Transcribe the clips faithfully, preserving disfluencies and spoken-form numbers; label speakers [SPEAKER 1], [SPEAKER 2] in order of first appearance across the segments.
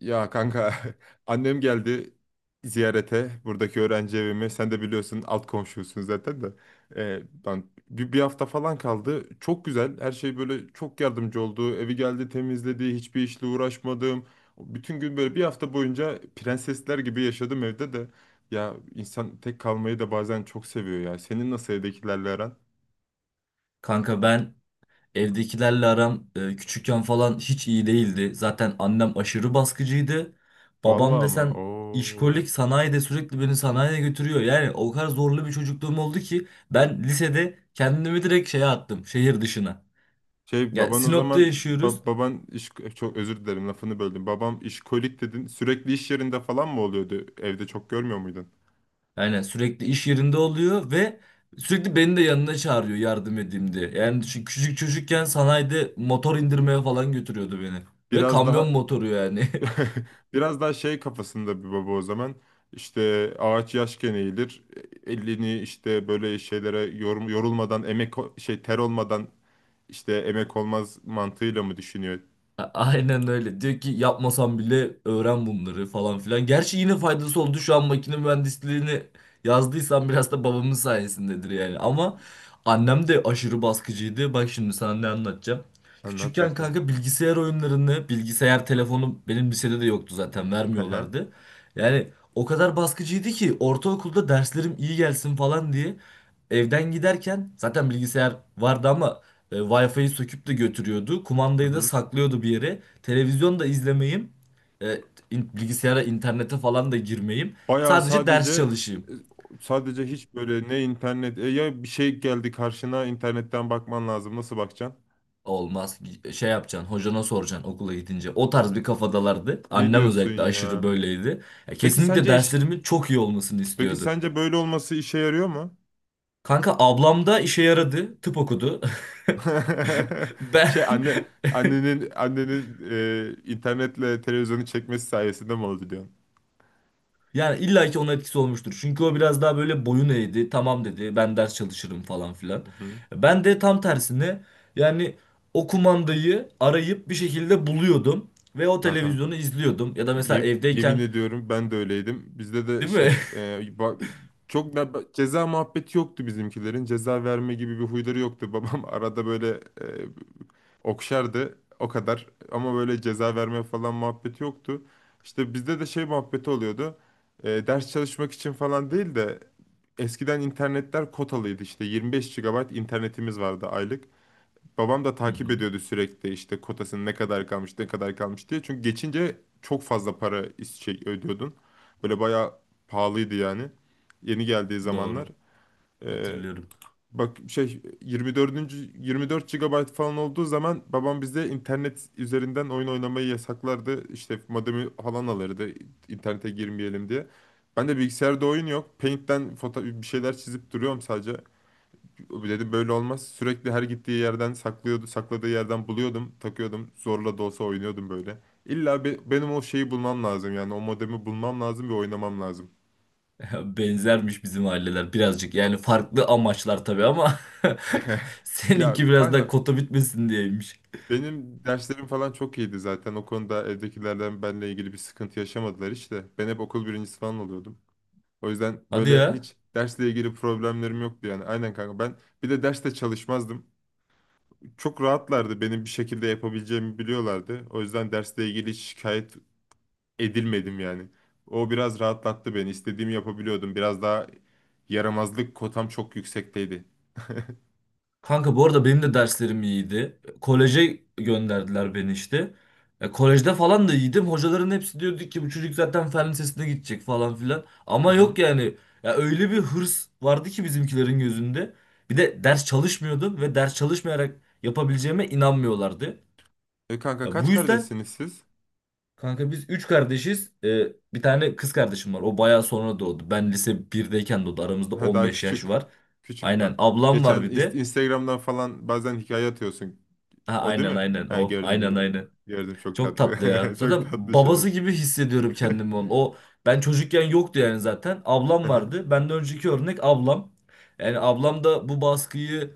[SPEAKER 1] Ya kanka annem geldi ziyarete buradaki öğrenci evime. Sen de biliyorsun, alt komşusun zaten de. Ee, ben bir, bir hafta falan kaldı. Çok güzel. Her şey böyle çok yardımcı oldu. Evi geldi temizledi. Hiçbir işle uğraşmadım. Bütün gün böyle bir hafta boyunca prensesler gibi yaşadım evde de. Ya insan tek kalmayı da bazen çok seviyor ya. Senin nasıl evdekilerle aran?
[SPEAKER 2] Kanka ben evdekilerle aram e, küçükken falan hiç iyi değildi. Zaten annem aşırı baskıcıydı. Babam
[SPEAKER 1] Vallahi mı?
[SPEAKER 2] desen
[SPEAKER 1] Oo.
[SPEAKER 2] işkolik sanayide sürekli beni sanayiye götürüyor. Yani o kadar zorlu bir çocukluğum oldu ki ben lisede kendimi direkt şeye attım şehir dışına.
[SPEAKER 1] Şey,
[SPEAKER 2] Yani
[SPEAKER 1] baban o
[SPEAKER 2] Sinop'ta
[SPEAKER 1] zaman...
[SPEAKER 2] yaşıyoruz.
[SPEAKER 1] ba- baban iş Çok özür dilerim, lafını böldüm. Babam işkolik dedin. Sürekli iş yerinde falan mı oluyordu? Evde çok görmüyor muydun?
[SPEAKER 2] Yani sürekli iş yerinde oluyor ve sürekli beni de yanına çağırıyor yardım edeyim diye. Yani şu küçük çocukken sanayide motor indirmeye falan götürüyordu beni. Ve
[SPEAKER 1] Biraz
[SPEAKER 2] kamyon
[SPEAKER 1] daha
[SPEAKER 2] motoru yani.
[SPEAKER 1] biraz daha şey kafasında bir baba o zaman. İşte, ağaç yaşken eğilir. Elini işte böyle şeylere yorum, yorulmadan, emek o- şey ter olmadan işte emek olmaz mantığıyla mı düşünüyor?
[SPEAKER 2] A- Aynen öyle. Diyor ki yapmasam bile öğren bunları falan filan. Gerçi yine faydası oldu şu an makine mühendisliğini yazdıysam biraz da babamın sayesindedir yani. Ama annem de aşırı baskıcıydı. Bak şimdi sana ne anlatacağım.
[SPEAKER 1] Anlat
[SPEAKER 2] Küçükken
[SPEAKER 1] bakayım.
[SPEAKER 2] kanka bilgisayar oyunlarını, bilgisayar telefonu benim lisede de yoktu zaten vermiyorlardı. Yani o kadar baskıcıydı ki ortaokulda derslerim iyi gelsin falan diye evden giderken zaten bilgisayar vardı ama e, Wi-Fi'yi söküp de götürüyordu.
[SPEAKER 1] Hı
[SPEAKER 2] Kumandayı da
[SPEAKER 1] hı.
[SPEAKER 2] saklıyordu bir yere. Televizyon da izlemeyeyim. E, in- bilgisayara, internete falan da girmeyeyim.
[SPEAKER 1] Bayağı
[SPEAKER 2] Sadece ders
[SPEAKER 1] sadece
[SPEAKER 2] çalışayım.
[SPEAKER 1] sadece hiç böyle ne internet e ya, bir şey geldi karşına, internetten bakman lazım. Nasıl bakacaksın?
[SPEAKER 2] Olmaz. Şey yapacaksın, hocana soracaksın okula gidince. O tarz bir kafadalardı.
[SPEAKER 1] Ne
[SPEAKER 2] Annem
[SPEAKER 1] diyorsun
[SPEAKER 2] özellikle aşırı
[SPEAKER 1] ya?
[SPEAKER 2] böyleydi. Ya,
[SPEAKER 1] Peki
[SPEAKER 2] kesinlikle
[SPEAKER 1] sence iş
[SPEAKER 2] derslerimin çok iyi olmasını
[SPEAKER 1] Peki
[SPEAKER 2] istiyordu.
[SPEAKER 1] sence böyle olması işe yarıyor mu?
[SPEAKER 2] Kanka ablam da işe yaradı. Tıp okudu.
[SPEAKER 1] Şey
[SPEAKER 2] Ben
[SPEAKER 1] anne annenin annenin e, internetle televizyonu çekmesi sayesinde mi oldu diyorsun?
[SPEAKER 2] Yani illa ki onun etkisi olmuştur. Çünkü o biraz daha böyle boyun eğdi. Tamam dedi ben ders çalışırım falan filan.
[SPEAKER 1] Hı hı.
[SPEAKER 2] Ben de tam tersine yani o kumandayı arayıp bir şekilde buluyordum. Ve o
[SPEAKER 1] Ya kanka,
[SPEAKER 2] televizyonu izliyordum. Ya da mesela
[SPEAKER 1] Ye- yemin
[SPEAKER 2] evdeyken
[SPEAKER 1] ediyorum, ben de öyleydim. Bizde de
[SPEAKER 2] değil mi?
[SPEAKER 1] şey e, bak, çok da ba- ceza muhabbeti yoktu bizimkilerin. Ceza verme gibi bir huyları yoktu. Babam arada böyle e, okşardı o kadar, ama böyle ceza verme falan muhabbeti yoktu. İşte bizde de şey muhabbeti oluyordu. E, ders çalışmak için falan değil de eskiden internetler kotalıydı işte, yirmi beş gigabayt internetimiz vardı aylık. Babam da
[SPEAKER 2] Hı
[SPEAKER 1] takip
[SPEAKER 2] hı,
[SPEAKER 1] ediyordu sürekli işte kotasının ne kadar kalmış, ne kadar kalmış diye. Çünkü geçince çok fazla para is- şey ödüyordun. Böyle bayağı pahalıydı yani. Yeni geldiği zamanlar.
[SPEAKER 2] doğru
[SPEAKER 1] Ee,
[SPEAKER 2] hatırlıyorum.
[SPEAKER 1] Bak, şey yirmi dört. yirmi dört gigabayt falan olduğu zaman babam bize internet üzerinden oyun oynamayı yasaklardı. İşte modemi falan alırdı, internete girmeyelim diye. Ben de bilgisayarda oyun yok, Paint'ten foto bir şeyler çizip duruyorum sadece. Dedim böyle olmaz. Sürekli her gittiği yerden saklıyordu, sakladığı yerden buluyordum, takıyordum. Zorla da olsa oynuyordum böyle. İlla be- benim o şeyi bulmam lazım, yani o modemi bulmam lazım ve oynamam lazım.
[SPEAKER 2] Benzermiş bizim aileler birazcık. Yani farklı amaçlar tabii ama
[SPEAKER 1] Ya
[SPEAKER 2] seninki biraz daha
[SPEAKER 1] kanka,
[SPEAKER 2] kota bitmesin diyeymiş.
[SPEAKER 1] benim derslerim falan çok iyiydi zaten. O konuda evdekilerden benimle ilgili bir sıkıntı yaşamadılar işte. Ben hep okul birincisi falan oluyordum. O yüzden
[SPEAKER 2] Hadi
[SPEAKER 1] böyle
[SPEAKER 2] ya.
[SPEAKER 1] hiç dersle ilgili problemlerim yoktu yani. Aynen kanka, ben bir de derste çalışmazdım. Çok rahatlardı, benim bir şekilde yapabileceğimi biliyorlardı. O yüzden dersle ilgili hiç şikayet edilmedim yani. O biraz rahatlattı beni, İstediğimi yapabiliyordum. Biraz daha yaramazlık kotam çok yüksekteydi.
[SPEAKER 2] Kanka bu arada benim de derslerim iyiydi. Koleje gönderdiler beni işte. E, kolejde falan da iyiydim. Hocaların hepsi diyordu ki bu çocuk zaten fen lisesine gidecek falan filan.
[SPEAKER 1] Hı
[SPEAKER 2] Ama
[SPEAKER 1] hı.
[SPEAKER 2] yok yani. Ya öyle bir hırs vardı ki bizimkilerin gözünde. Bir de ders çalışmıyordum ve ders çalışmayarak yapabileceğime inanmıyorlardı.
[SPEAKER 1] E kanka,
[SPEAKER 2] E,
[SPEAKER 1] kaç
[SPEAKER 2] bu yüzden
[SPEAKER 1] kardeşsiniz siz?
[SPEAKER 2] kanka biz üç kardeşiz. E, bir tane kız kardeşim var. O bayağı sonra doğdu. Ben lise birdeyken doğdu. Aramızda
[SPEAKER 1] Ha, daha
[SPEAKER 2] on beş yaş
[SPEAKER 1] küçük.
[SPEAKER 2] var.
[SPEAKER 1] Küçük
[SPEAKER 2] Aynen
[SPEAKER 1] daha.
[SPEAKER 2] ablam
[SPEAKER 1] Geçen
[SPEAKER 2] var bir
[SPEAKER 1] inst-
[SPEAKER 2] de.
[SPEAKER 1] Instagram'dan falan bazen hikaye atıyorsun.
[SPEAKER 2] Ha,
[SPEAKER 1] O değil
[SPEAKER 2] aynen
[SPEAKER 1] mi?
[SPEAKER 2] aynen
[SPEAKER 1] Ha,
[SPEAKER 2] o
[SPEAKER 1] gördüm,
[SPEAKER 2] aynen
[SPEAKER 1] gördüm.
[SPEAKER 2] aynen.
[SPEAKER 1] Gördüm, çok
[SPEAKER 2] Çok
[SPEAKER 1] tatlı.
[SPEAKER 2] tatlı ya.
[SPEAKER 1] Çok
[SPEAKER 2] Zaten
[SPEAKER 1] tatlı
[SPEAKER 2] babası
[SPEAKER 1] şerefsiz.
[SPEAKER 2] gibi hissediyorum kendimi onun. O ben çocukken yoktu yani zaten. Ablam
[SPEAKER 1] Hı hı.
[SPEAKER 2] vardı. Benden önceki örnek ablam. Yani ablam da bu baskıyı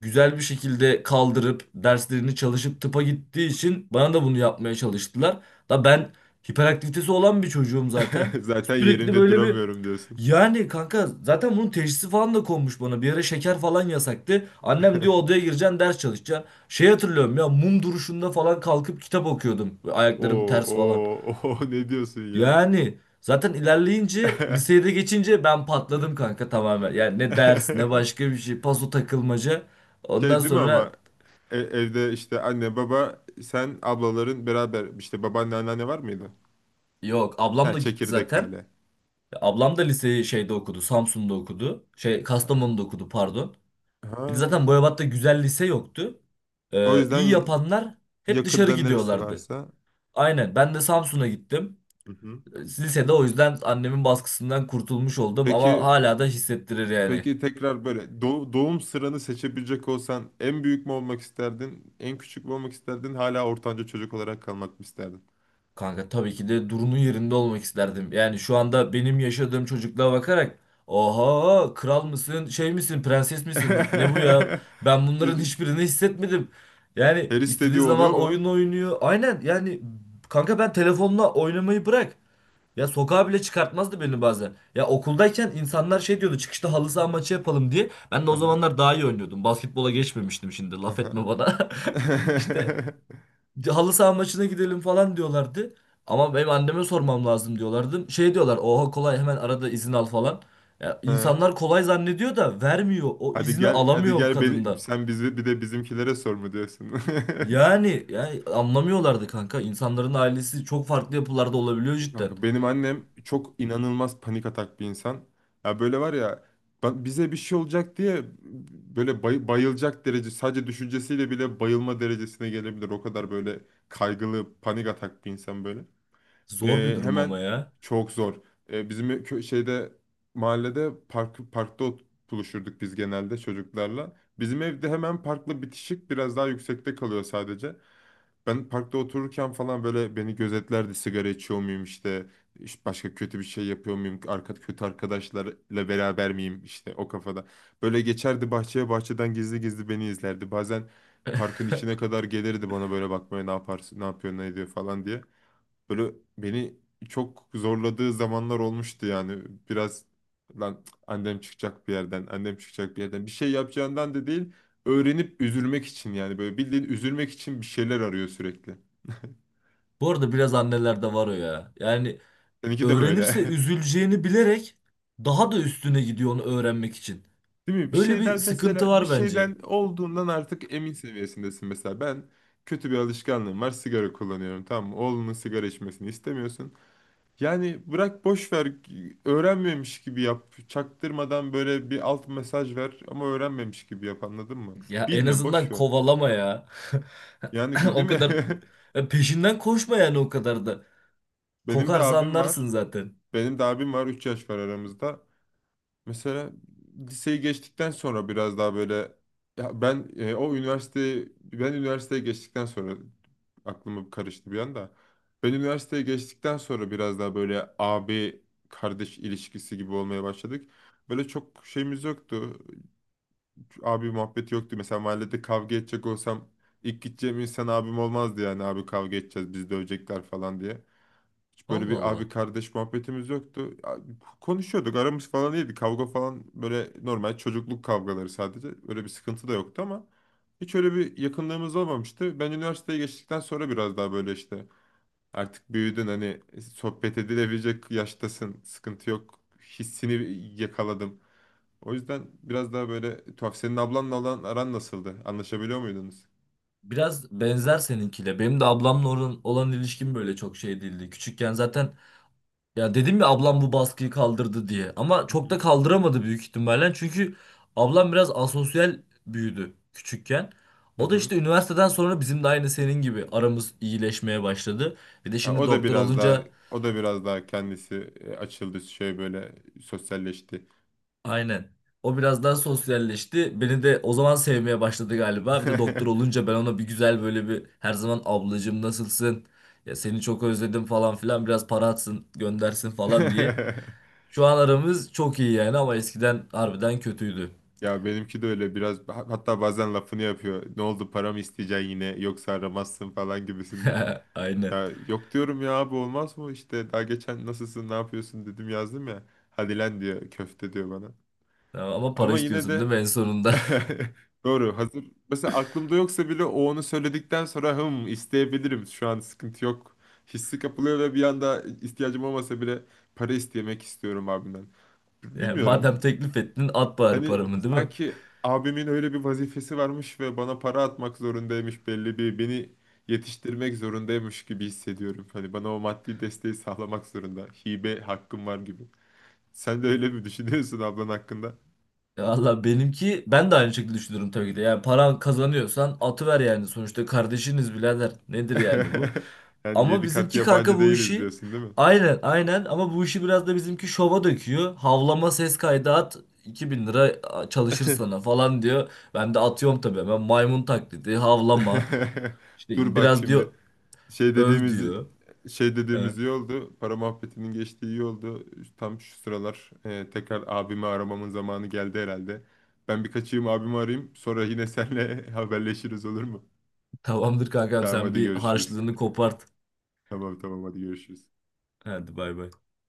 [SPEAKER 2] güzel bir şekilde kaldırıp derslerini çalışıp tıpa gittiği için bana da bunu yapmaya çalıştılar. Da ben hiperaktivitesi olan bir çocuğum zaten.
[SPEAKER 1] Zaten
[SPEAKER 2] Sürekli
[SPEAKER 1] yerimde
[SPEAKER 2] böyle bir
[SPEAKER 1] duramıyorum diyorsun.
[SPEAKER 2] yani kanka zaten bunun teşhisi falan da konmuş bana. Bir ara şeker falan yasaktı. Annem diyor odaya gireceksin ders çalışacaksın. Şey hatırlıyorum ya mum duruşunda falan kalkıp kitap okuyordum. Ayaklarım
[SPEAKER 1] Oo,
[SPEAKER 2] ters falan.
[SPEAKER 1] oo, oo, ne diyorsun ya?
[SPEAKER 2] Yani zaten ilerleyince liseye de geçince ben patladım kanka tamamen. Yani ne ders ne başka bir şey. Paso takılmaca. Ondan
[SPEAKER 1] Şey değil mi ama?
[SPEAKER 2] sonra
[SPEAKER 1] E- evde işte anne baba sen ablaların beraber işte babaanne anneanne var mıydı?
[SPEAKER 2] Yok ablam
[SPEAKER 1] Ha,
[SPEAKER 2] da gitti
[SPEAKER 1] çekirdek
[SPEAKER 2] zaten.
[SPEAKER 1] aile.
[SPEAKER 2] Ablam da liseyi şeyde okudu. Samsun'da okudu. Şey Kastamonu'da okudu pardon.
[SPEAKER 1] Ha,
[SPEAKER 2] Bir de zaten Boyabat'ta güzel lise yoktu.
[SPEAKER 1] o
[SPEAKER 2] Ee,
[SPEAKER 1] yüzden
[SPEAKER 2] iyi
[SPEAKER 1] ya-
[SPEAKER 2] yapanlar hep dışarı
[SPEAKER 1] yakında neresi
[SPEAKER 2] gidiyorlardı.
[SPEAKER 1] varsa.
[SPEAKER 2] Aynen ben de Samsun'a gittim.
[SPEAKER 1] Hı hı.
[SPEAKER 2] Lisede o yüzden annemin baskısından kurtulmuş oldum ama
[SPEAKER 1] Peki
[SPEAKER 2] hala da hissettirir yani.
[SPEAKER 1] peki tekrar böyle do- doğum sıranı seçebilecek olsan en büyük mü olmak isterdin? En küçük mü olmak isterdin? Hala ortanca çocuk olarak kalmak mı isterdin?
[SPEAKER 2] Kanka tabii ki de Duru'nun yerinde olmak isterdim. Yani şu anda benim yaşadığım çocukluğa bakarak oha kral mısın şey misin prenses misin ne bu ya ben bunların hiçbirini hissetmedim. Yani
[SPEAKER 1] Her istediği
[SPEAKER 2] istediği
[SPEAKER 1] oluyor
[SPEAKER 2] zaman
[SPEAKER 1] mu?
[SPEAKER 2] oyun oynuyor. Aynen yani kanka ben telefonla oynamayı bırak. Ya sokağa bile çıkartmazdı beni bazen. Ya okuldayken insanlar şey diyordu çıkışta halı saha maçı yapalım diye. Ben de o
[SPEAKER 1] Aha,
[SPEAKER 2] zamanlar daha iyi oynuyordum. Basketbola geçmemiştim şimdi laf
[SPEAKER 1] aha.
[SPEAKER 2] etme bana. İşte halı saha maçına gidelim falan diyorlardı. Ama benim anneme sormam lazım diyorlardı. Şey diyorlar oha kolay hemen arada izin al falan. Ya,
[SPEAKER 1] Hı.
[SPEAKER 2] insanlar kolay zannediyor da vermiyor. O
[SPEAKER 1] Hadi
[SPEAKER 2] izni
[SPEAKER 1] gel, hadi
[SPEAKER 2] alamıyorum
[SPEAKER 1] gel, beni
[SPEAKER 2] kadından.
[SPEAKER 1] sen bizi bir de bizimkilere sor mu diyorsun?
[SPEAKER 2] Yani, yani anlamıyorlardı kanka. İnsanların ailesi çok farklı yapılarda olabiliyor cidden.
[SPEAKER 1] Kanka, benim annem çok inanılmaz panik atak bir insan. Ya böyle var ya, ba- bize bir şey olacak diye böyle bay- bayılacak derece, sadece düşüncesiyle bile bayılma derecesine gelebilir. O kadar böyle kaygılı, panik atak bir insan böyle.
[SPEAKER 2] Zor bir
[SPEAKER 1] E,
[SPEAKER 2] durum
[SPEAKER 1] hemen
[SPEAKER 2] ama ya.
[SPEAKER 1] Çok zor. E, bizim kö- şeyde mahallede park parkta ot- buluşurduk biz, genelde çocuklarla. Bizim evde hemen parkla bitişik, biraz daha yüksekte kalıyor sadece. Ben parkta otururken falan böyle beni gözetlerdi, sigara içiyor muyum işte, işte başka kötü bir şey yapıyor muyum, arka, kötü arkadaşlarla beraber miyim işte, o kafada. Böyle geçerdi bahçeye bahçeden gizli gizli beni izlerdi. Bazen parkın içine kadar gelirdi bana böyle bakmaya, ne yaparsın, ne yapıyor, ne ediyor falan diye. Böyle beni çok zorladığı zamanlar olmuştu yani. Biraz, lan annem çıkacak bir yerden, annem çıkacak bir yerden. Bir şey yapacağından da değil, öğrenip üzülmek için yani. Böyle bildiğin üzülmek için bir şeyler arıyor sürekli.
[SPEAKER 2] Bu arada biraz annelerde var o ya. Yani
[SPEAKER 1] Seninki de
[SPEAKER 2] öğrenirse
[SPEAKER 1] böyle.
[SPEAKER 2] üzüleceğini bilerek daha da üstüne gidiyor onu öğrenmek için.
[SPEAKER 1] Değil mi? Bir
[SPEAKER 2] Böyle bir
[SPEAKER 1] şeyden,
[SPEAKER 2] sıkıntı
[SPEAKER 1] mesela, bir
[SPEAKER 2] var bence.
[SPEAKER 1] şeyden olduğundan artık emin seviyesindesin mesela. Ben kötü bir alışkanlığım var, sigara kullanıyorum. Tamam mı? Oğlunun sigara içmesini istemiyorsun. Yani bırak, boş ver, öğrenmemiş gibi yap. Çaktırmadan böyle bir alt mesaj ver ama öğrenmemiş gibi yap, anladın mı?
[SPEAKER 2] Ya en
[SPEAKER 1] Bilme, boş
[SPEAKER 2] azından
[SPEAKER 1] ver.
[SPEAKER 2] kovalama ya.
[SPEAKER 1] Yani ki- değil
[SPEAKER 2] O
[SPEAKER 1] mi?
[SPEAKER 2] kadar e, peşinden koşma yani o kadar da.
[SPEAKER 1] Benim de
[SPEAKER 2] Kokarsa
[SPEAKER 1] abim var.
[SPEAKER 2] anlarsın zaten.
[SPEAKER 1] Benim de abim var, üç yaş var aramızda. Mesela liseyi geçtikten sonra biraz daha böyle, ya ben e, o üniversiteyi ben üniversiteye geçtikten sonra aklımı karıştı bir anda. Ben üniversiteye geçtikten sonra biraz daha böyle abi kardeş ilişkisi gibi olmaya başladık. Böyle çok şeyimiz yoktu. Abi muhabbeti yoktu. Mesela mahallede kavga edecek olsam ilk gideceğim insan abim olmazdı yani, abi kavga edeceğiz biz, dövecekler falan diye. Hiç böyle
[SPEAKER 2] Allah
[SPEAKER 1] bir abi
[SPEAKER 2] Allah.
[SPEAKER 1] kardeş muhabbetimiz yoktu. Ya, konuşuyorduk, aramız falan iyiydi. Kavga falan böyle normal çocukluk kavgaları sadece. Öyle bir sıkıntı da yoktu ama hiç öyle bir yakınlığımız olmamıştı. Ben üniversiteye geçtikten sonra biraz daha böyle işte artık büyüdün, hani sohbet edilebilecek yaştasın, sıkıntı yok hissini yakaladım. O yüzden biraz daha böyle tuhaf. Senin ablanla olan aran nasıldı? Anlaşabiliyor muydunuz?
[SPEAKER 2] Biraz benzer seninkiyle. Benim de ablamla olan, olan ilişkim böyle çok şey değildi. Küçükken zaten ya dedim ya ablam bu baskıyı kaldırdı diye. Ama
[SPEAKER 1] Hı
[SPEAKER 2] çok da
[SPEAKER 1] hı.
[SPEAKER 2] kaldıramadı büyük ihtimalle. Çünkü ablam biraz asosyal büyüdü küçükken.
[SPEAKER 1] Hı
[SPEAKER 2] O da
[SPEAKER 1] hı.
[SPEAKER 2] işte üniversiteden sonra bizim de aynı senin gibi aramız iyileşmeye başladı. Bir de
[SPEAKER 1] Ha,
[SPEAKER 2] şimdi
[SPEAKER 1] o da
[SPEAKER 2] doktor
[SPEAKER 1] biraz daha
[SPEAKER 2] olunca
[SPEAKER 1] o da biraz daha kendisi e, açıldı, şey böyle sosyalleşti.
[SPEAKER 2] Aynen. O biraz daha sosyalleşti. Beni de o zaman sevmeye başladı galiba. Bir de doktor olunca ben ona bir güzel böyle bir her zaman ablacığım nasılsın? Ya seni çok özledim falan filan biraz para atsın göndersin falan diye. Şu an aramız çok iyi yani ama eskiden harbiden kötüydü.
[SPEAKER 1] Ya benimki de öyle biraz, ha- hatta bazen lafını yapıyor. Ne oldu, para mı isteyeceksin yine, yoksa aramazsın falan gibisinden.
[SPEAKER 2] Aynen.
[SPEAKER 1] Ya yok diyorum ya abi, olmaz mı işte, daha geçen nasılsın, ne yapıyorsun dedim, yazdım ya. Hadi lan, diyor, köfte, diyor bana.
[SPEAKER 2] Tamam, ama para
[SPEAKER 1] Ama yine
[SPEAKER 2] istiyorsun değil
[SPEAKER 1] de
[SPEAKER 2] mi en sonunda?
[SPEAKER 1] doğru. Hazır. Mesela aklımda yoksa bile o onu söyledikten sonra hım isteyebilirim. Şu an sıkıntı yok. Hissi kapılıyor ve bir anda ihtiyacım olmasa bile para istemek istiyorum abimden. B-
[SPEAKER 2] Yani
[SPEAKER 1] Bilmiyorum.
[SPEAKER 2] madem teklif ettin at bari
[SPEAKER 1] Hani
[SPEAKER 2] paramı değil mi?
[SPEAKER 1] sanki abimin öyle bir vazifesi varmış ve bana para atmak zorundaymış, belli bir beni yetiştirmek zorundaymış gibi hissediyorum. Hani bana o maddi desteği sağlamak zorunda. Hibe hakkım var gibi. Sen de öyle mi düşünüyorsun ablan hakkında?
[SPEAKER 2] Valla benimki ben de aynı şekilde düşünüyorum tabii ki de. Yani paran kazanıyorsan atıver yani sonuçta kardeşiniz birader. Nedir yani bu?
[SPEAKER 1] Yani
[SPEAKER 2] Ama
[SPEAKER 1] yedi kat
[SPEAKER 2] bizimki
[SPEAKER 1] yabancı
[SPEAKER 2] kanka bu
[SPEAKER 1] değiliz
[SPEAKER 2] işi
[SPEAKER 1] diyorsun, değil mi?
[SPEAKER 2] aynen aynen ama bu işi biraz da bizimki şova döküyor. Havlama ses kaydı at iki bin lira çalışır sana falan diyor. Ben de atıyorum tabii hemen maymun taklidi havlama
[SPEAKER 1] Dur
[SPEAKER 2] işte
[SPEAKER 1] bak
[SPEAKER 2] biraz
[SPEAKER 1] şimdi,
[SPEAKER 2] diyor
[SPEAKER 1] şey
[SPEAKER 2] öv
[SPEAKER 1] dediğimiz
[SPEAKER 2] diyor.
[SPEAKER 1] şey
[SPEAKER 2] He,
[SPEAKER 1] dediğimiz iyi oldu. Para muhabbetinin geçtiği iyi oldu. Tam şu sıralar e, tekrar abimi aramamın zamanı geldi herhalde. Ben bir kaçayım, abimi arayayım. Sonra yine seninle haberleşiriz, olur mu?
[SPEAKER 2] tamamdır kankam
[SPEAKER 1] Tamam,
[SPEAKER 2] sen
[SPEAKER 1] hadi
[SPEAKER 2] bir
[SPEAKER 1] görüşürüz.
[SPEAKER 2] harçlığını kopart.
[SPEAKER 1] Tamam, tamam, hadi görüşürüz.
[SPEAKER 2] Hadi bay bay.